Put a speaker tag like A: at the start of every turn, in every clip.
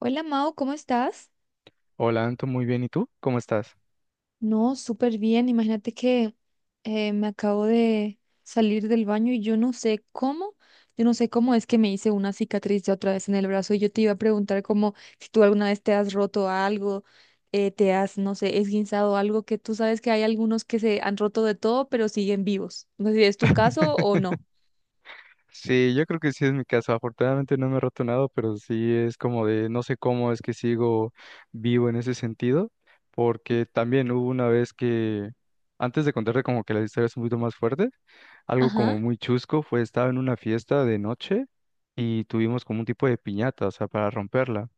A: Hola Mao, ¿cómo estás?
B: Hola, Anto, muy bien. ¿Y tú? ¿Cómo estás?
A: No, súper bien. Imagínate que me acabo de salir del baño y yo no sé cómo, es que me hice una cicatriz ya otra vez en el brazo y yo te iba a preguntar como si tú alguna vez te has roto algo, te has, no sé, esguinzado algo, que tú sabes que hay algunos que se han roto de todo pero siguen vivos. No sé si es tu caso o no.
B: Sí, yo creo que sí es mi caso. Afortunadamente no me he roto nada, pero sí es como de no sé cómo es que sigo vivo en ese sentido, porque también hubo una vez que, antes de contarte como que la historia es un poquito más fuerte, algo
A: Ajá.
B: como muy chusco fue, estaba en una fiesta de noche y tuvimos como un tipo de piñata, o sea, para romperla.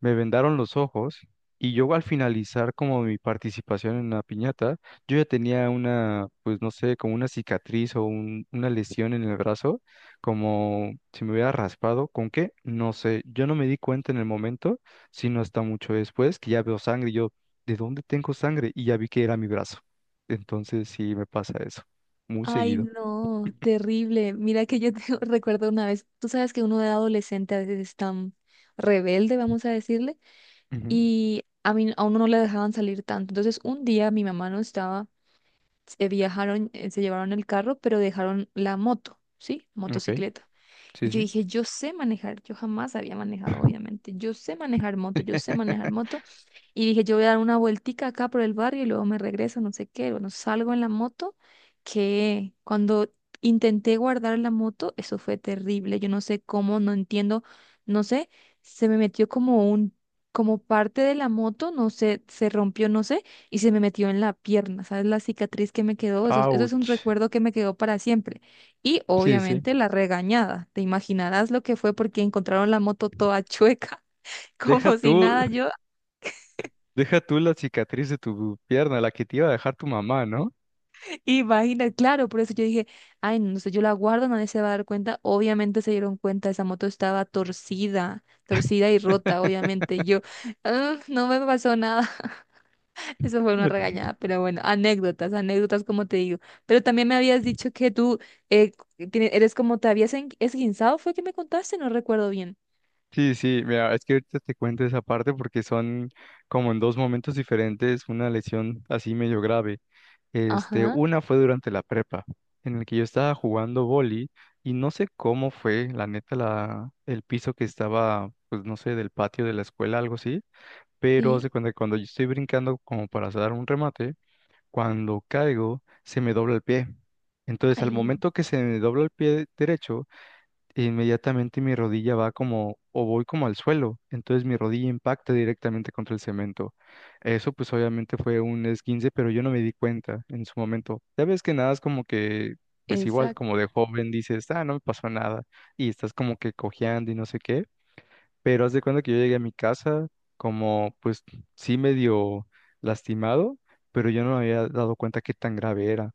B: Me vendaron los ojos y yo al finalizar como mi participación en una piñata, yo ya tenía una, pues no sé, como una cicatriz o una lesión en el brazo, como si me hubiera raspado, ¿con qué? No sé, yo no me di cuenta en el momento, sino hasta mucho después que ya veo sangre y yo, ¿de dónde tengo sangre? Y ya vi que era mi brazo. Entonces sí me pasa eso, muy
A: Ay,
B: seguido.
A: no, terrible. Mira que yo te recuerdo una vez, tú sabes que uno de adolescente a veces es tan rebelde, vamos a decirle, y a mí a uno no le dejaban salir tanto. Entonces, un día mi mamá no estaba, se viajaron, se llevaron el carro, pero dejaron la moto, ¿sí?
B: Ujú. Ok,
A: Motocicleta. Y
B: sí,
A: yo
B: sí.
A: dije, yo sé manejar, yo jamás había manejado, obviamente. Yo sé manejar moto, yo sé manejar moto. Y dije, yo voy a dar una vueltica acá por el barrio y luego me regreso, no sé qué. Bueno, salgo en la moto, que cuando intenté guardar la moto, eso fue terrible. Yo no sé cómo, no entiendo, no sé, se me metió como un, como parte de la moto, no sé, se rompió, no sé, y se me metió en la pierna, ¿sabes? La cicatriz que me quedó, eso es un
B: Ouch.
A: recuerdo que me quedó para siempre. Y
B: Sí, sí.
A: obviamente la regañada, te imaginarás lo que fue porque encontraron la moto toda chueca,
B: Deja
A: como si
B: tú.
A: nada, yo.
B: Deja tú la cicatriz de tu pierna, la que te iba a dejar tu mamá, ¿no?
A: Imagina, claro, por eso yo dije, ay, no no sé, yo la guardo, nadie se va a dar cuenta. Obviamente se dieron cuenta, esa moto estaba torcida, torcida y rota, obviamente. Yo, "Ah, no me pasó nada." Eso fue una regañada, pero bueno, anécdotas, anécdotas, como te digo. Pero también me habías dicho que tú eh, eres como, te habías esguinzado, fue que me contaste, no recuerdo bien.
B: Sí, sí, mira, es que ahorita te cuento esa parte porque son como en dos momentos diferentes una lesión así medio grave. Este,
A: Ajá,
B: una fue durante la prepa, en el que yo estaba jugando vóley y no sé cómo fue, la neta, la, el piso que estaba, pues no sé, del patio de la escuela, algo así, pero haz
A: sí,
B: de cuenta que cuando yo estoy brincando como para hacer un remate, cuando caigo, se me dobla el pie. Entonces, al
A: ahí no.
B: momento que se me dobla el pie derecho, inmediatamente mi rodilla va como, o voy como al suelo. Entonces, mi rodilla impacta directamente contra el cemento. Eso, pues, obviamente fue un esguince, pero yo no me di cuenta en su momento. Ya ves que nada es como que, pues, igual,
A: Exacto,
B: como de joven dices, ah, no me pasó nada. Y estás como que cojeando y no sé qué. Pero haz de cuenta que yo llegué a mi casa como, pues sí medio lastimado, pero yo no me había dado cuenta qué tan grave era.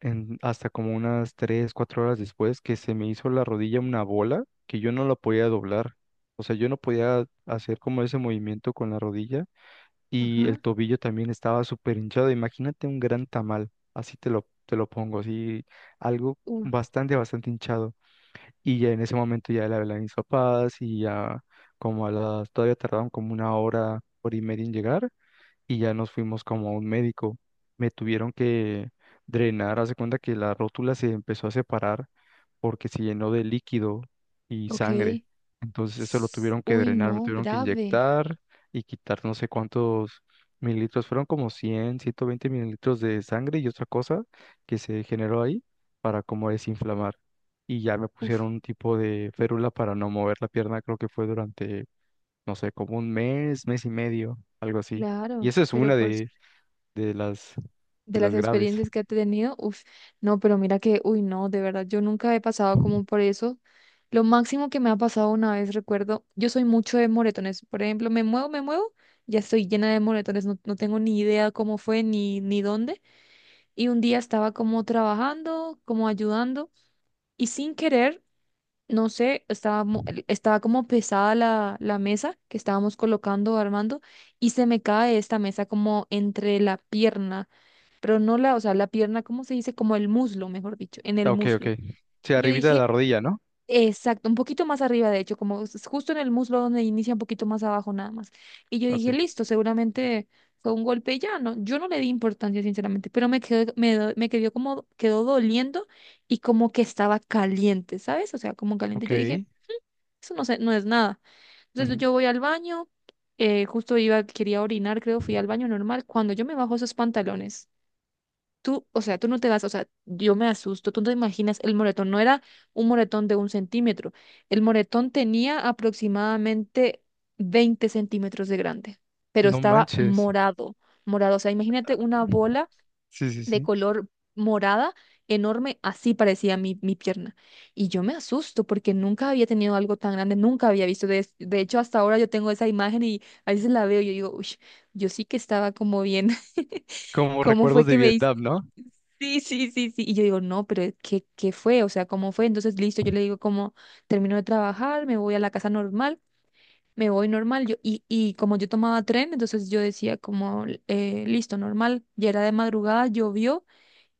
B: Hasta como unas 3, 4 horas después que se me hizo la rodilla una bola que yo no la podía doblar. O sea, yo no podía hacer como ese movimiento con la rodilla y el
A: ajá.
B: tobillo también estaba súper hinchado. Imagínate un gran tamal, así te lo pongo, así algo
A: Uf,
B: bastante, bastante hinchado. Y ya en ese momento ya le hablé a mis papás y ya como a las, todavía tardaron como una hora, hora y media en llegar y ya nos fuimos como a un médico. Me tuvieron que drenar, hace cuenta que la rótula se empezó a separar porque se llenó de líquido y
A: ok.
B: sangre. Entonces eso lo tuvieron que
A: Uy,
B: drenar, me
A: no,
B: tuvieron que
A: grave.
B: inyectar y quitar no sé cuántos mililitros, fueron como 100, 120 mililitros de sangre y otra cosa que se generó ahí para como desinflamar. Y ya me pusieron
A: Uf,
B: un tipo de férula para no mover la pierna, creo que fue durante no sé, como un mes, mes y medio, algo así. Y
A: claro,
B: esa es
A: pero
B: una
A: por
B: de las, de
A: de
B: las
A: las
B: graves.
A: experiencias que ha tenido, uf, no, pero mira que, uy, no, de verdad, yo nunca he pasado como por eso. Lo máximo que me ha pasado una vez, recuerdo, yo soy mucho de moretones, por ejemplo, me muevo, ya estoy llena de moretones, no, no tengo ni idea cómo fue ni, ni dónde. Y un día estaba como trabajando, como ayudando, y sin querer, no sé, estaba, estaba como pesada la mesa que estábamos colocando, armando, y se me cae esta mesa como entre la pierna pero no la, o sea, la pierna, ¿cómo se dice? Como el muslo, mejor dicho, en el
B: Ah, ok, ok.
A: muslo.
B: Sí,
A: Y yo
B: arribita de
A: dije,
B: la rodilla, ¿no?
A: exacto, un poquito más arriba, de hecho, como es justo en el muslo donde inicia un poquito más abajo nada más. Y yo
B: Ok,
A: dije, listo, seguramente fue un golpe y ya, no, yo no le di importancia, sinceramente, pero me quedó, me quedó como, quedó doliendo y como que estaba caliente, ¿sabes? O sea, como caliente.
B: ok.
A: Yo dije, eso no sé, no es nada. Entonces
B: Ujú.
A: yo voy al baño. Justo iba, quería orinar, creo, fui al baño normal. Cuando yo me bajo esos pantalones, tú, o sea, tú no te vas, o sea, yo me asusto, tú no te imaginas, el moretón no era un moretón de un centímetro, el moretón tenía aproximadamente 20 cm de grande, pero
B: No
A: estaba
B: manches.
A: morado, morado, o sea, imagínate una bola
B: Sí, sí,
A: de
B: sí.
A: color morada enorme, así parecía mi pierna. Y yo me asusto porque nunca había tenido algo tan grande, nunca había visto, de hecho, hasta ahora yo tengo esa imagen y a veces la veo y yo digo, uy, yo sí que estaba como bien.
B: Como
A: ¿Cómo
B: recuerdos
A: fue
B: de
A: que me dice?
B: Vietnam, ¿no?
A: Sí, sí, sí, sí. Y yo digo, no, pero ¿qué, qué fue? O sea, ¿cómo fue? Entonces, listo, yo le digo como, termino de trabajar, me voy a la casa normal, me voy normal. Yo, y como yo tomaba tren, entonces yo decía como, listo, normal. Ya era de madrugada, llovió.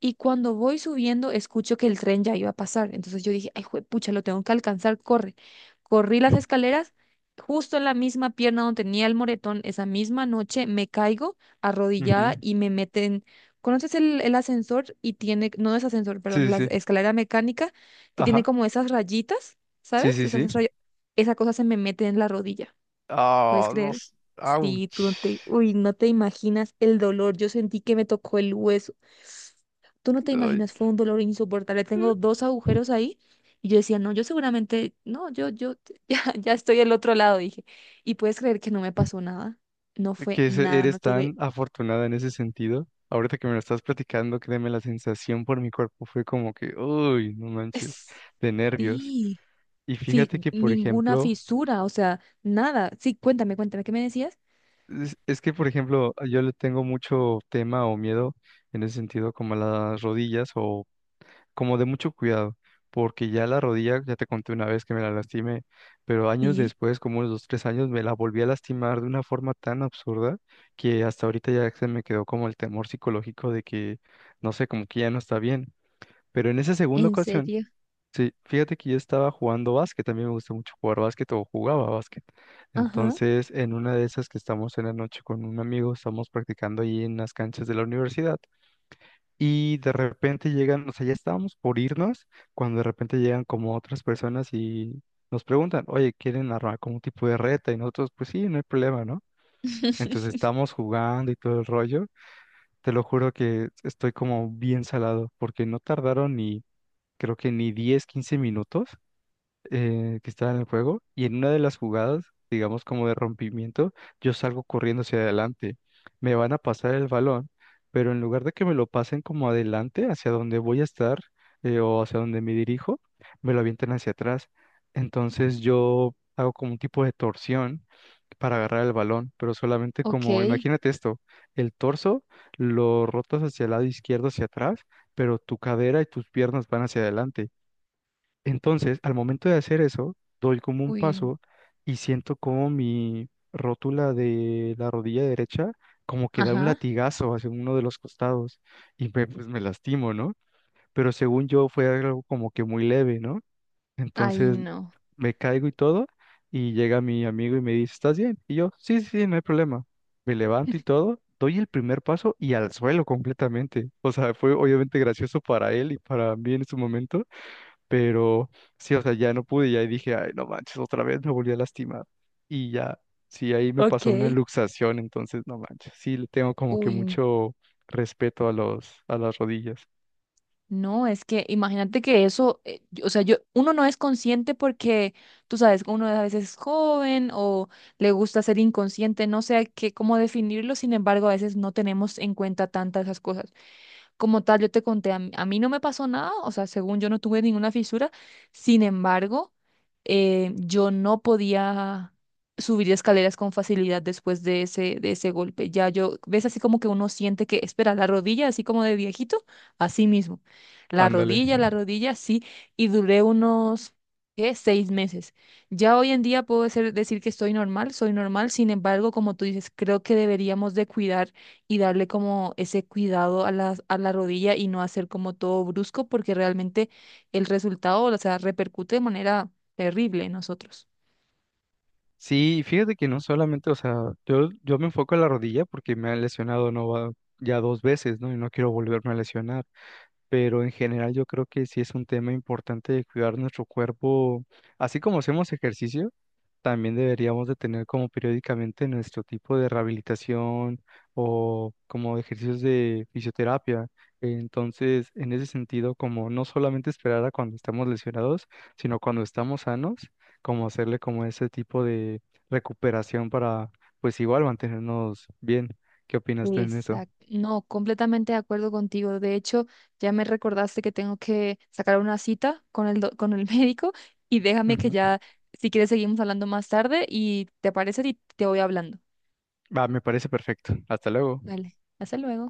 A: Y cuando voy subiendo, escucho que el tren ya iba a pasar. Entonces yo dije, ay, pucha, lo tengo que alcanzar, corre. Corrí las escaleras, justo en la misma pierna donde tenía el moretón, esa misma noche me caigo arrodillada
B: Ujú.
A: y me meten. ¿Conoces el ascensor? Y tiene, no es ascensor, perdón,
B: Sí, sí,
A: la
B: sí.
A: escalera mecánica que tiene
B: Ajá.
A: como esas rayitas,
B: Sí,
A: ¿sabes?
B: sí, sí.
A: Esas ray- Esa cosa se me mete en la rodilla. ¿Puedes
B: Ah, no.
A: creer? Sí, tú
B: Ouch.
A: no te, uy, no te imaginas el dolor. Yo sentí que me tocó el hueso. Tú no te imaginas, fue un dolor insoportable.
B: Ay.
A: Tengo dos agujeros ahí. Y yo decía, no, yo seguramente, no, yo, ya estoy al otro lado, dije. Y puedes creer que no me pasó nada. No fue nada, no
B: Eres
A: tuve,
B: tan afortunada en ese sentido. Ahorita que me lo estás platicando, créeme, la sensación por mi cuerpo fue como que, uy, no manches, de nervios.
A: sí,
B: Y fíjate que, por
A: ninguna
B: ejemplo,
A: fisura, o sea, nada. Sí, cuéntame, cuéntame, ¿qué me decías?
B: es que, por ejemplo, yo le tengo mucho tema o miedo en ese sentido, como a las rodillas como de mucho cuidado, porque ya la rodilla, ya te conté una vez que me la lastimé, pero años
A: Sí,
B: después, como unos 2, 3 años, me la volví a lastimar de una forma tan absurda que hasta ahorita ya se me quedó como el temor psicológico de que, no sé, como que ya no está bien. Pero en esa segunda
A: en
B: ocasión,
A: serio.
B: sí, fíjate que yo estaba jugando básquet, también me gusta mucho jugar básquet o jugaba básquet.
A: Ajá.
B: Entonces, en una de esas que estamos en la noche con un amigo, estamos practicando ahí en las canchas de la universidad. Y de repente llegan, o sea, ya estábamos por irnos, cuando de repente llegan como otras personas y nos preguntan, oye, ¿quieren armar como un tipo de reta? Y nosotros, pues sí, no hay problema, ¿no? Entonces estamos jugando y todo el rollo. Te lo juro que estoy como bien salado, porque no tardaron ni, creo que ni 10, 15 minutos que estaba en el juego y en una de las jugadas, digamos como de rompimiento, yo salgo corriendo hacia adelante. Me van a pasar el balón, pero en lugar de que me lo pasen como adelante, hacia donde voy a estar o hacia donde me dirijo, me lo avientan hacia atrás. Entonces yo hago como un tipo de torsión para agarrar el balón, pero solamente como,
A: Ok.
B: imagínate esto, el torso lo rotas hacia el lado izquierdo, hacia atrás, pero tu cadera y tus piernas van hacia adelante. Entonces, al momento de hacer eso, doy como un
A: Uy.
B: paso y siento como mi rótula de la rodilla derecha como que da un
A: Ajá.
B: latigazo hacia uno de los costados y me, pues me lastimo, ¿no? Pero según yo fue algo como que muy leve, ¿no?
A: Ay,
B: Entonces
A: no.
B: me caigo y todo y llega mi amigo y me dice, ¿estás bien? Y yo, sí, sí, sí, no hay problema. Me levanto y todo, doy el primer paso y al suelo completamente. O sea, fue obviamente gracioso para él y para mí en su momento, pero sí, o sea, ya no pude, ya dije, ay, no manches, otra vez me volví a lastimar. Y ya, sí, ahí me
A: Ok.
B: pasó una luxación, entonces, no manches, sí, le tengo como que
A: Uy,
B: mucho respeto a los, a las rodillas.
A: no, es que imagínate que eso, o sea, yo, uno no es consciente porque, tú sabes, uno a veces es joven o le gusta ser inconsciente, no sé qué, cómo definirlo, sin embargo, a veces no tenemos en cuenta tantas esas cosas. Como tal, yo te conté, a mí no me pasó nada, o sea, según yo no tuve ninguna fisura. Sin embargo, yo no podía subir escaleras con facilidad después de ese golpe. Ya yo, ves así como que uno siente que, espera, la rodilla, así como de viejito, así mismo.
B: Ándale.
A: La rodilla, sí, y duré unos, ¿qué? 6 meses. Ya hoy en día puedo decir que estoy normal, soy normal, sin embargo, como tú dices, creo que deberíamos de cuidar y darle como ese cuidado a la rodilla y no hacer como todo brusco, porque realmente el resultado, o sea, repercute de manera terrible en nosotros.
B: Sí, fíjate que no solamente, o sea, yo me enfoco en la rodilla porque me han lesionado no va ya dos veces, ¿no? Y no quiero volverme a lesionar. Pero en general yo creo que sí es un tema importante de cuidar nuestro cuerpo, así como hacemos ejercicio. También deberíamos de tener como periódicamente nuestro tipo de rehabilitación o como ejercicios de fisioterapia. Entonces, en ese sentido, como no solamente esperar a cuando estamos lesionados, sino cuando estamos sanos, como hacerle como ese tipo de recuperación para, pues igual mantenernos bien. ¿Qué opinas tú en eso?
A: Exacto. No, completamente de acuerdo contigo. De hecho, ya me recordaste que tengo que sacar una cita con el médico y déjame que
B: Ujú.
A: ya, si quieres, seguimos hablando más tarde y te parece y te voy hablando.
B: Va, me parece perfecto. Hasta luego.
A: Vale, hasta luego.